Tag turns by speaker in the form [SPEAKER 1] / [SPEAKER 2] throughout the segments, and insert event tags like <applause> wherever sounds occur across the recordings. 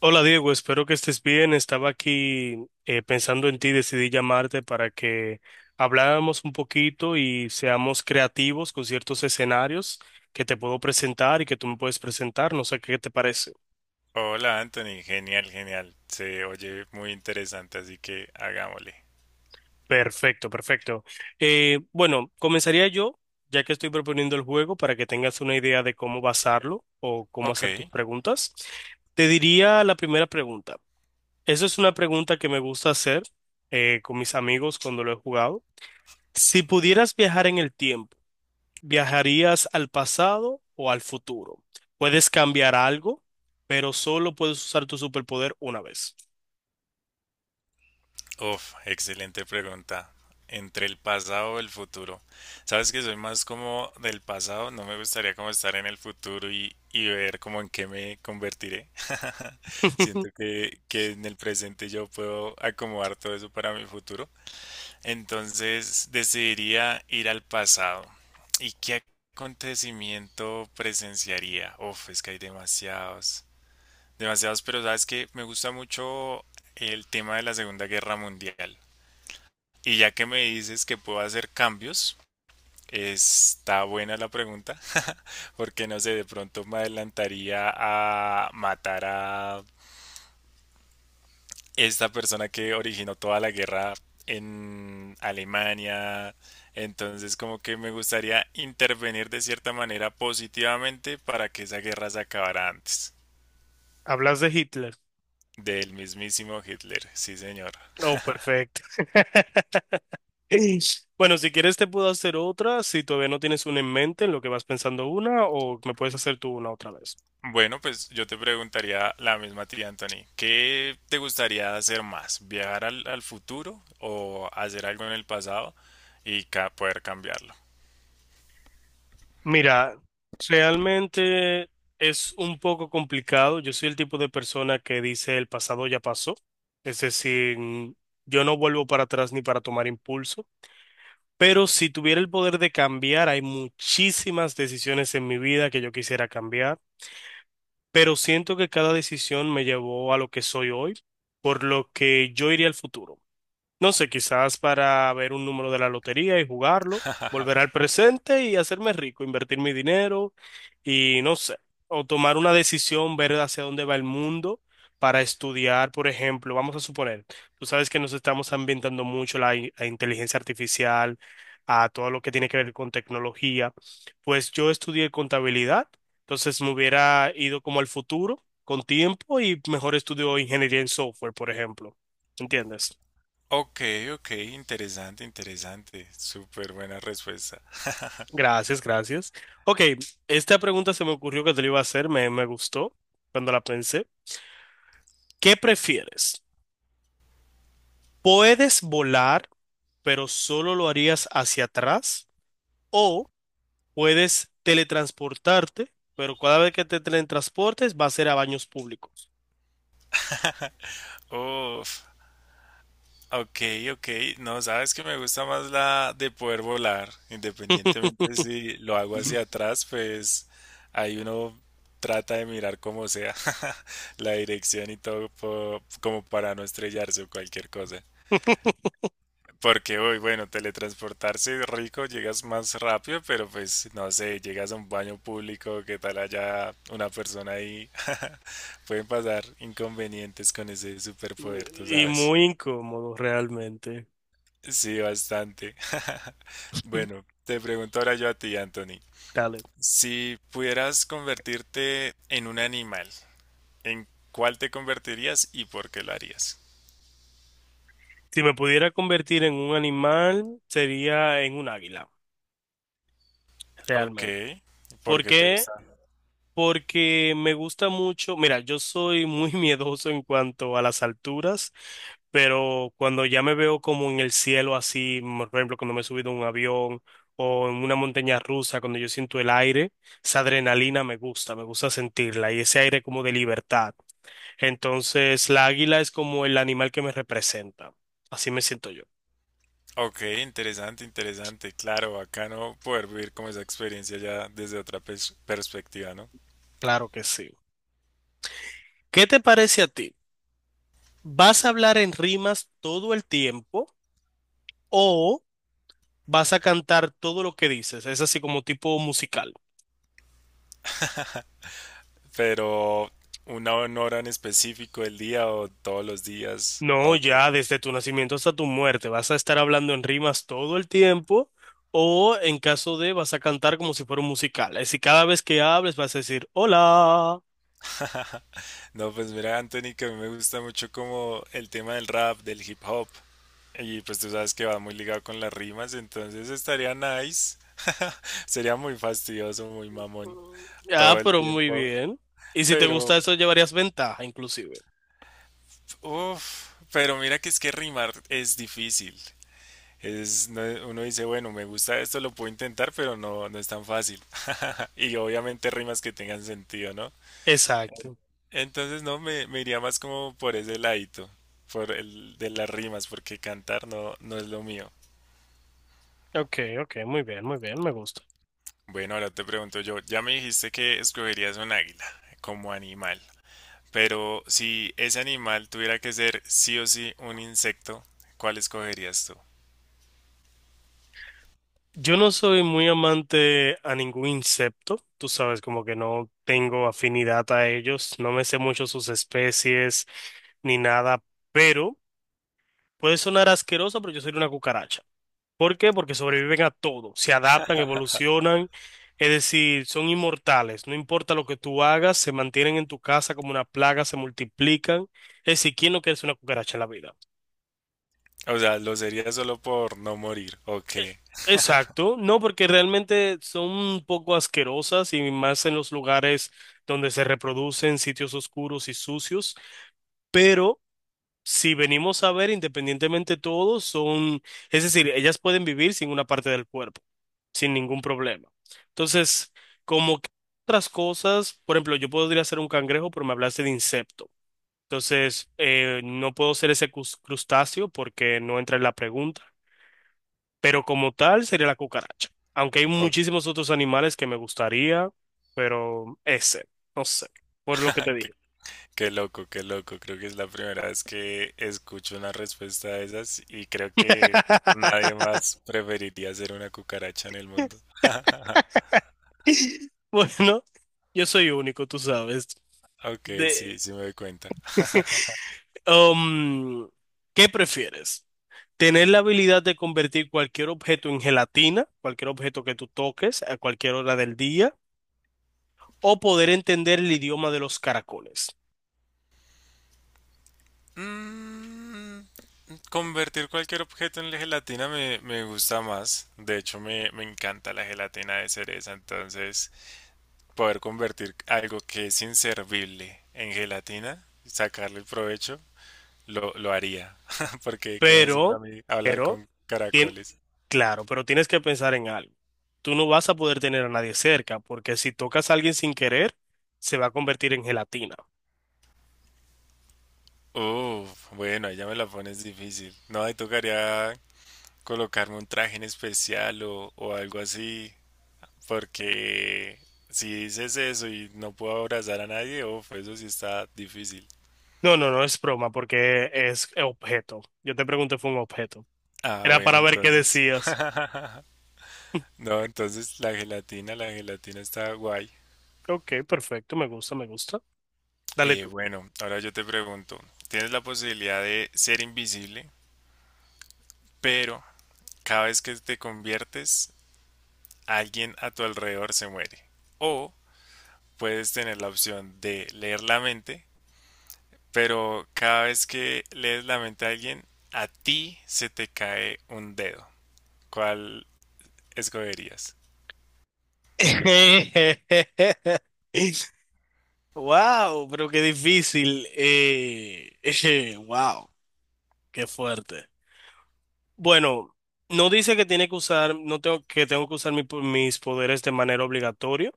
[SPEAKER 1] Hola Diego, espero que estés bien. Estaba aquí pensando en ti, decidí llamarte para que habláramos un poquito y seamos creativos con ciertos escenarios que te puedo presentar y que tú me puedes presentar. No sé qué te parece.
[SPEAKER 2] Hola Anthony, genial, genial. Se oye muy interesante, así que hagámosle.
[SPEAKER 1] Perfecto, perfecto. Bueno, comenzaría yo, ya que estoy proponiendo el juego, para que tengas una idea de cómo basarlo o cómo hacer tus
[SPEAKER 2] Ok,
[SPEAKER 1] preguntas. Te diría la primera pregunta. Esa es una pregunta que me gusta hacer con mis amigos cuando lo he jugado. Si pudieras viajar en el tiempo, ¿viajarías al pasado o al futuro? Puedes cambiar algo, pero solo puedes usar tu superpoder una vez.
[SPEAKER 2] uf, excelente pregunta. Entre el pasado y el futuro. Sabes que soy más como del pasado, no me gustaría como estar en el futuro y ver como en qué me convertiré. <laughs>
[SPEAKER 1] <laughs>
[SPEAKER 2] Siento que en el presente yo puedo acomodar todo eso para mi futuro. Entonces decidiría ir al pasado. ¿Y qué acontecimiento presenciaría? Uf, es que hay demasiados, demasiados, pero sabes que me gusta mucho el tema de la Segunda Guerra Mundial. Y ya que me dices que puedo hacer cambios, está buena la pregunta, porque no sé, de pronto me adelantaría a matar a esta persona que originó toda la guerra en Alemania. Entonces, como que me gustaría intervenir de cierta manera positivamente para que esa guerra se acabara antes
[SPEAKER 1] ¿Hablas de Hitler?
[SPEAKER 2] del mismísimo Hitler. Sí, señor.
[SPEAKER 1] Oh, perfecto. <laughs> Bueno, si quieres te puedo hacer otra, si todavía no tienes una en mente en lo que vas pensando una, o me puedes hacer tú una otra vez.
[SPEAKER 2] Bueno, pues yo te preguntaría la misma tía Anthony, ¿qué te gustaría hacer más? ¿Viajar al futuro o hacer algo en el pasado y poder cambiarlo?
[SPEAKER 1] Mira, realmente es un poco complicado. Yo soy el tipo de persona que dice el pasado ya pasó. Es decir, yo no vuelvo para atrás ni para tomar impulso. Pero si tuviera el poder de cambiar, hay muchísimas decisiones en mi vida que yo quisiera cambiar. Pero siento que cada decisión me llevó a lo que soy hoy, por lo que yo iría al futuro. No sé, quizás para ver un número de la lotería y jugarlo, volver
[SPEAKER 2] <laughs>
[SPEAKER 1] al presente y hacerme rico, invertir mi dinero y no sé, o tomar una decisión, ver hacia dónde va el mundo para estudiar, por ejemplo, vamos a suponer, tú sabes que nos estamos ambientando mucho a inteligencia artificial, a todo lo que tiene que ver con tecnología, pues yo estudié contabilidad, entonces me hubiera ido como al futuro con tiempo y mejor estudio ingeniería en software, por ejemplo, ¿entiendes?
[SPEAKER 2] Ok, ok, interesante, interesante. Súper buena respuesta.
[SPEAKER 1] Gracias, gracias. Ok, esta pregunta se me ocurrió que te la iba a hacer, me gustó cuando la pensé. ¿Qué prefieres? ¿Puedes volar, pero solo lo harías hacia atrás? ¿O puedes teletransportarte, pero cada vez que te teletransportes va a ser a baños públicos?
[SPEAKER 2] <laughs> Uf, ok, ok. No, sabes que me gusta más la de poder volar, independientemente
[SPEAKER 1] <laughs>
[SPEAKER 2] si lo hago hacia atrás, pues ahí uno trata de mirar como sea <laughs> la dirección y todo como para no estrellarse o cualquier cosa. Porque hoy, bueno, teletransportarse es rico, llegas más rápido, pero pues no sé, llegas a un baño público, qué tal haya una persona ahí. <laughs> Pueden pasar inconvenientes con ese superpoder, tú
[SPEAKER 1] Y
[SPEAKER 2] sabes.
[SPEAKER 1] muy incómodo realmente.
[SPEAKER 2] Sí, bastante. <laughs> Bueno, te pregunto ahora yo a ti, Anthony.
[SPEAKER 1] Dale.
[SPEAKER 2] Si pudieras convertirte en un animal, ¿en cuál te convertirías y por qué lo harías?
[SPEAKER 1] Si me pudiera convertir en un animal, sería en un águila,
[SPEAKER 2] Ok,
[SPEAKER 1] realmente.
[SPEAKER 2] ¿por
[SPEAKER 1] ¿Por
[SPEAKER 2] qué te
[SPEAKER 1] qué?
[SPEAKER 2] gusta?
[SPEAKER 1] Porque me gusta mucho, mira, yo soy muy <laughs> miedoso en cuanto a las alturas, pero cuando ya me veo como en el cielo así, por ejemplo, cuando me he subido a un avión o en una montaña rusa, cuando yo siento el aire, esa adrenalina me gusta sentirla y ese aire como de libertad. Entonces, la águila es como el animal que me representa. Así me siento yo.
[SPEAKER 2] Ok, interesante, interesante. Claro, bacano poder vivir como esa experiencia ya desde otra perspectiva, ¿no?
[SPEAKER 1] Claro que sí. ¿Qué te parece a ti? ¿Vas a hablar en rimas todo el tiempo o... vas a cantar todo lo que dices, es así como tipo musical?
[SPEAKER 2] Pero una hora en específico, el día o todos los días.
[SPEAKER 1] No,
[SPEAKER 2] Ok.
[SPEAKER 1] ya desde tu nacimiento hasta tu muerte, vas a estar hablando en rimas todo el tiempo o en caso de vas a cantar como si fuera un musical. Es así cada vez que hables vas a decir, hola.
[SPEAKER 2] No, pues mira, Anthony, que a mí me gusta mucho como el tema del rap, del hip hop. Y pues tú sabes que va muy ligado con las rimas, entonces estaría nice. <laughs> Sería muy fastidioso, muy mamón
[SPEAKER 1] Ah,
[SPEAKER 2] todo el
[SPEAKER 1] pero muy
[SPEAKER 2] tiempo.
[SPEAKER 1] bien. Y si te gusta
[SPEAKER 2] Pero,
[SPEAKER 1] eso, llevarías ventaja, inclusive.
[SPEAKER 2] uff, pero mira que es que rimar es difícil. Es, uno dice, bueno, me gusta esto, lo puedo intentar, pero no, no es tan fácil. <laughs> Y obviamente rimas que tengan sentido, ¿no?
[SPEAKER 1] Exacto.
[SPEAKER 2] Entonces no, me iría más como por ese ladito, por el de las rimas, porque cantar no, no es lo mío.
[SPEAKER 1] Ok, ok, muy bien, me gusta.
[SPEAKER 2] Bueno, ahora te pregunto yo, ya me dijiste que escogerías un águila como animal, pero si ese animal tuviera que ser sí o sí un insecto, ¿cuál escogerías tú?
[SPEAKER 1] Yo no soy muy amante a ningún insecto, tú sabes, como que no tengo afinidad a ellos, no me sé mucho sus especies ni nada, pero puede sonar asqueroso, pero yo soy una cucaracha. ¿Por qué? Porque sobreviven a todo, se adaptan, evolucionan, es decir, son inmortales, no importa lo que tú hagas, se mantienen en tu casa como una plaga, se multiplican. Es decir, ¿quién no quiere ser una cucaracha en la vida?
[SPEAKER 2] O sea, ¿lo sería solo por no morir? ¿O
[SPEAKER 1] Eh,
[SPEAKER 2] qué? <laughs>
[SPEAKER 1] Exacto, no, porque realmente son un poco asquerosas y más en los lugares donde se reproducen sitios oscuros y sucios, pero si venimos a ver independientemente todos son, es decir, ellas pueden vivir sin una parte del cuerpo, sin ningún problema. Entonces, como que otras cosas, por ejemplo, yo podría ser un cangrejo, pero me hablaste de insecto. Entonces, no puedo ser ese crustáceo porque no entra en la pregunta, pero como tal sería la cucaracha. Aunque hay
[SPEAKER 2] ¿O
[SPEAKER 1] muchísimos otros animales que me gustaría, pero ese, no sé, por lo que te
[SPEAKER 2] <laughs>
[SPEAKER 1] dije.
[SPEAKER 2] qué loco, qué loco. Creo que es la primera vez que escucho una respuesta de esas y creo que nadie
[SPEAKER 1] <laughs>
[SPEAKER 2] más preferiría ser una cucaracha en el mundo. <laughs>
[SPEAKER 1] Bueno, yo soy único, tú sabes.
[SPEAKER 2] Ok,
[SPEAKER 1] De,
[SPEAKER 2] sí, sí me doy cuenta.
[SPEAKER 1] <laughs> um, ¿qué prefieres? ¿Tener la habilidad de convertir cualquier objeto en gelatina, cualquier objeto que tú toques a cualquier hora del día, o poder entender el idioma de los caracoles?
[SPEAKER 2] Mm, convertir cualquier objeto en gelatina me gusta más. De hecho, me encanta la gelatina de cereza. Entonces, poder convertir algo que es inservible en gelatina, sacarle el provecho, lo haría. <laughs> Porque, ¿qué me sirve a
[SPEAKER 1] Pero,
[SPEAKER 2] mí hablar
[SPEAKER 1] pero,
[SPEAKER 2] con
[SPEAKER 1] tien-
[SPEAKER 2] caracoles?
[SPEAKER 1] claro, pero tienes que pensar en algo. Tú no vas a poder tener a nadie cerca, porque si tocas a alguien sin querer, se va a convertir en gelatina.
[SPEAKER 2] Uf, bueno, ahí ya me la pones difícil. No, ahí tocaría colocarme un traje en especial o algo así, porque si dices eso y no puedo abrazar a nadie, uf, eso sí está difícil.
[SPEAKER 1] No, no, no es broma, porque es objeto. Yo te pregunté, fue un objeto.
[SPEAKER 2] Ah,
[SPEAKER 1] Era
[SPEAKER 2] bueno,
[SPEAKER 1] para ver qué
[SPEAKER 2] entonces.
[SPEAKER 1] decías.
[SPEAKER 2] <laughs> No, entonces la gelatina está guay.
[SPEAKER 1] Ok, perfecto, me gusta, me gusta. Dale tú.
[SPEAKER 2] Bueno, ahora yo te pregunto, tienes la posibilidad de ser invisible, pero cada vez que te conviertes, alguien a tu alrededor se muere. O puedes tener la opción de leer la mente, pero cada vez que lees la mente a alguien, a ti se te cae un dedo. ¿Cuál escogerías?
[SPEAKER 1] <laughs> Wow, pero qué difícil. <laughs> Wow, qué fuerte. Bueno, no dice que tiene que usar, no tengo que tengo que usar mis poderes de manera obligatoria.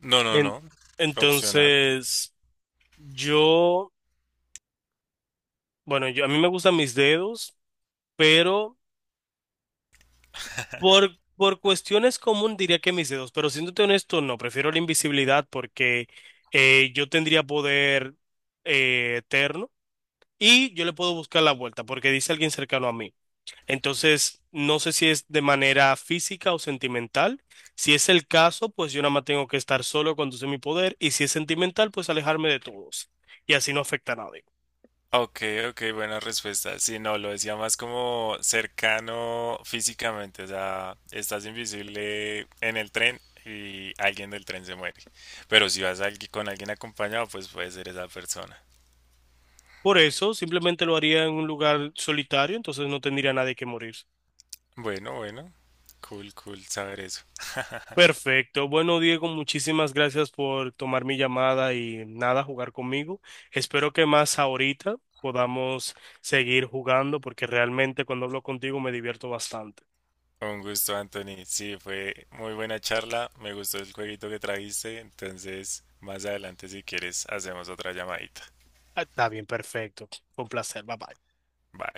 [SPEAKER 2] No, no,
[SPEAKER 1] En-
[SPEAKER 2] no. Opcional.
[SPEAKER 1] entonces, yo, bueno, yo a mí me gustan mis dedos, pero por cuestiones común diría que mis dedos, pero siéndote honesto, no, prefiero la invisibilidad porque yo tendría poder eterno y yo le puedo buscar la vuelta porque dice alguien cercano a mí. Entonces, no sé si es de manera física o sentimental. Si es el caso, pues yo nada más tengo que estar solo cuando use mi poder. Y si es sentimental, pues alejarme de todos. Y así no afecta a nadie.
[SPEAKER 2] Ok, ok, buena respuesta. Sí, no, lo decía más como cercano físicamente, o sea, estás invisible en el tren y alguien del tren se muere. Pero si vas alguien- con alguien acompañado, pues puede ser esa persona.
[SPEAKER 1] Por eso, simplemente lo haría en un lugar solitario, entonces no tendría nadie que morir.
[SPEAKER 2] Bueno, bueno, cool, cool saber eso. <laughs>
[SPEAKER 1] Perfecto. Bueno, Diego, muchísimas gracias por tomar mi llamada y nada, jugar conmigo. Espero que más ahorita podamos seguir jugando porque realmente cuando hablo contigo me divierto bastante.
[SPEAKER 2] Un gusto, Anthony. Sí, fue muy buena charla. Me gustó el jueguito que trajiste. Entonces, más adelante, si quieres, hacemos otra llamadita.
[SPEAKER 1] Ah, está bien, perfecto. Fue un placer. Bye bye.
[SPEAKER 2] Bye.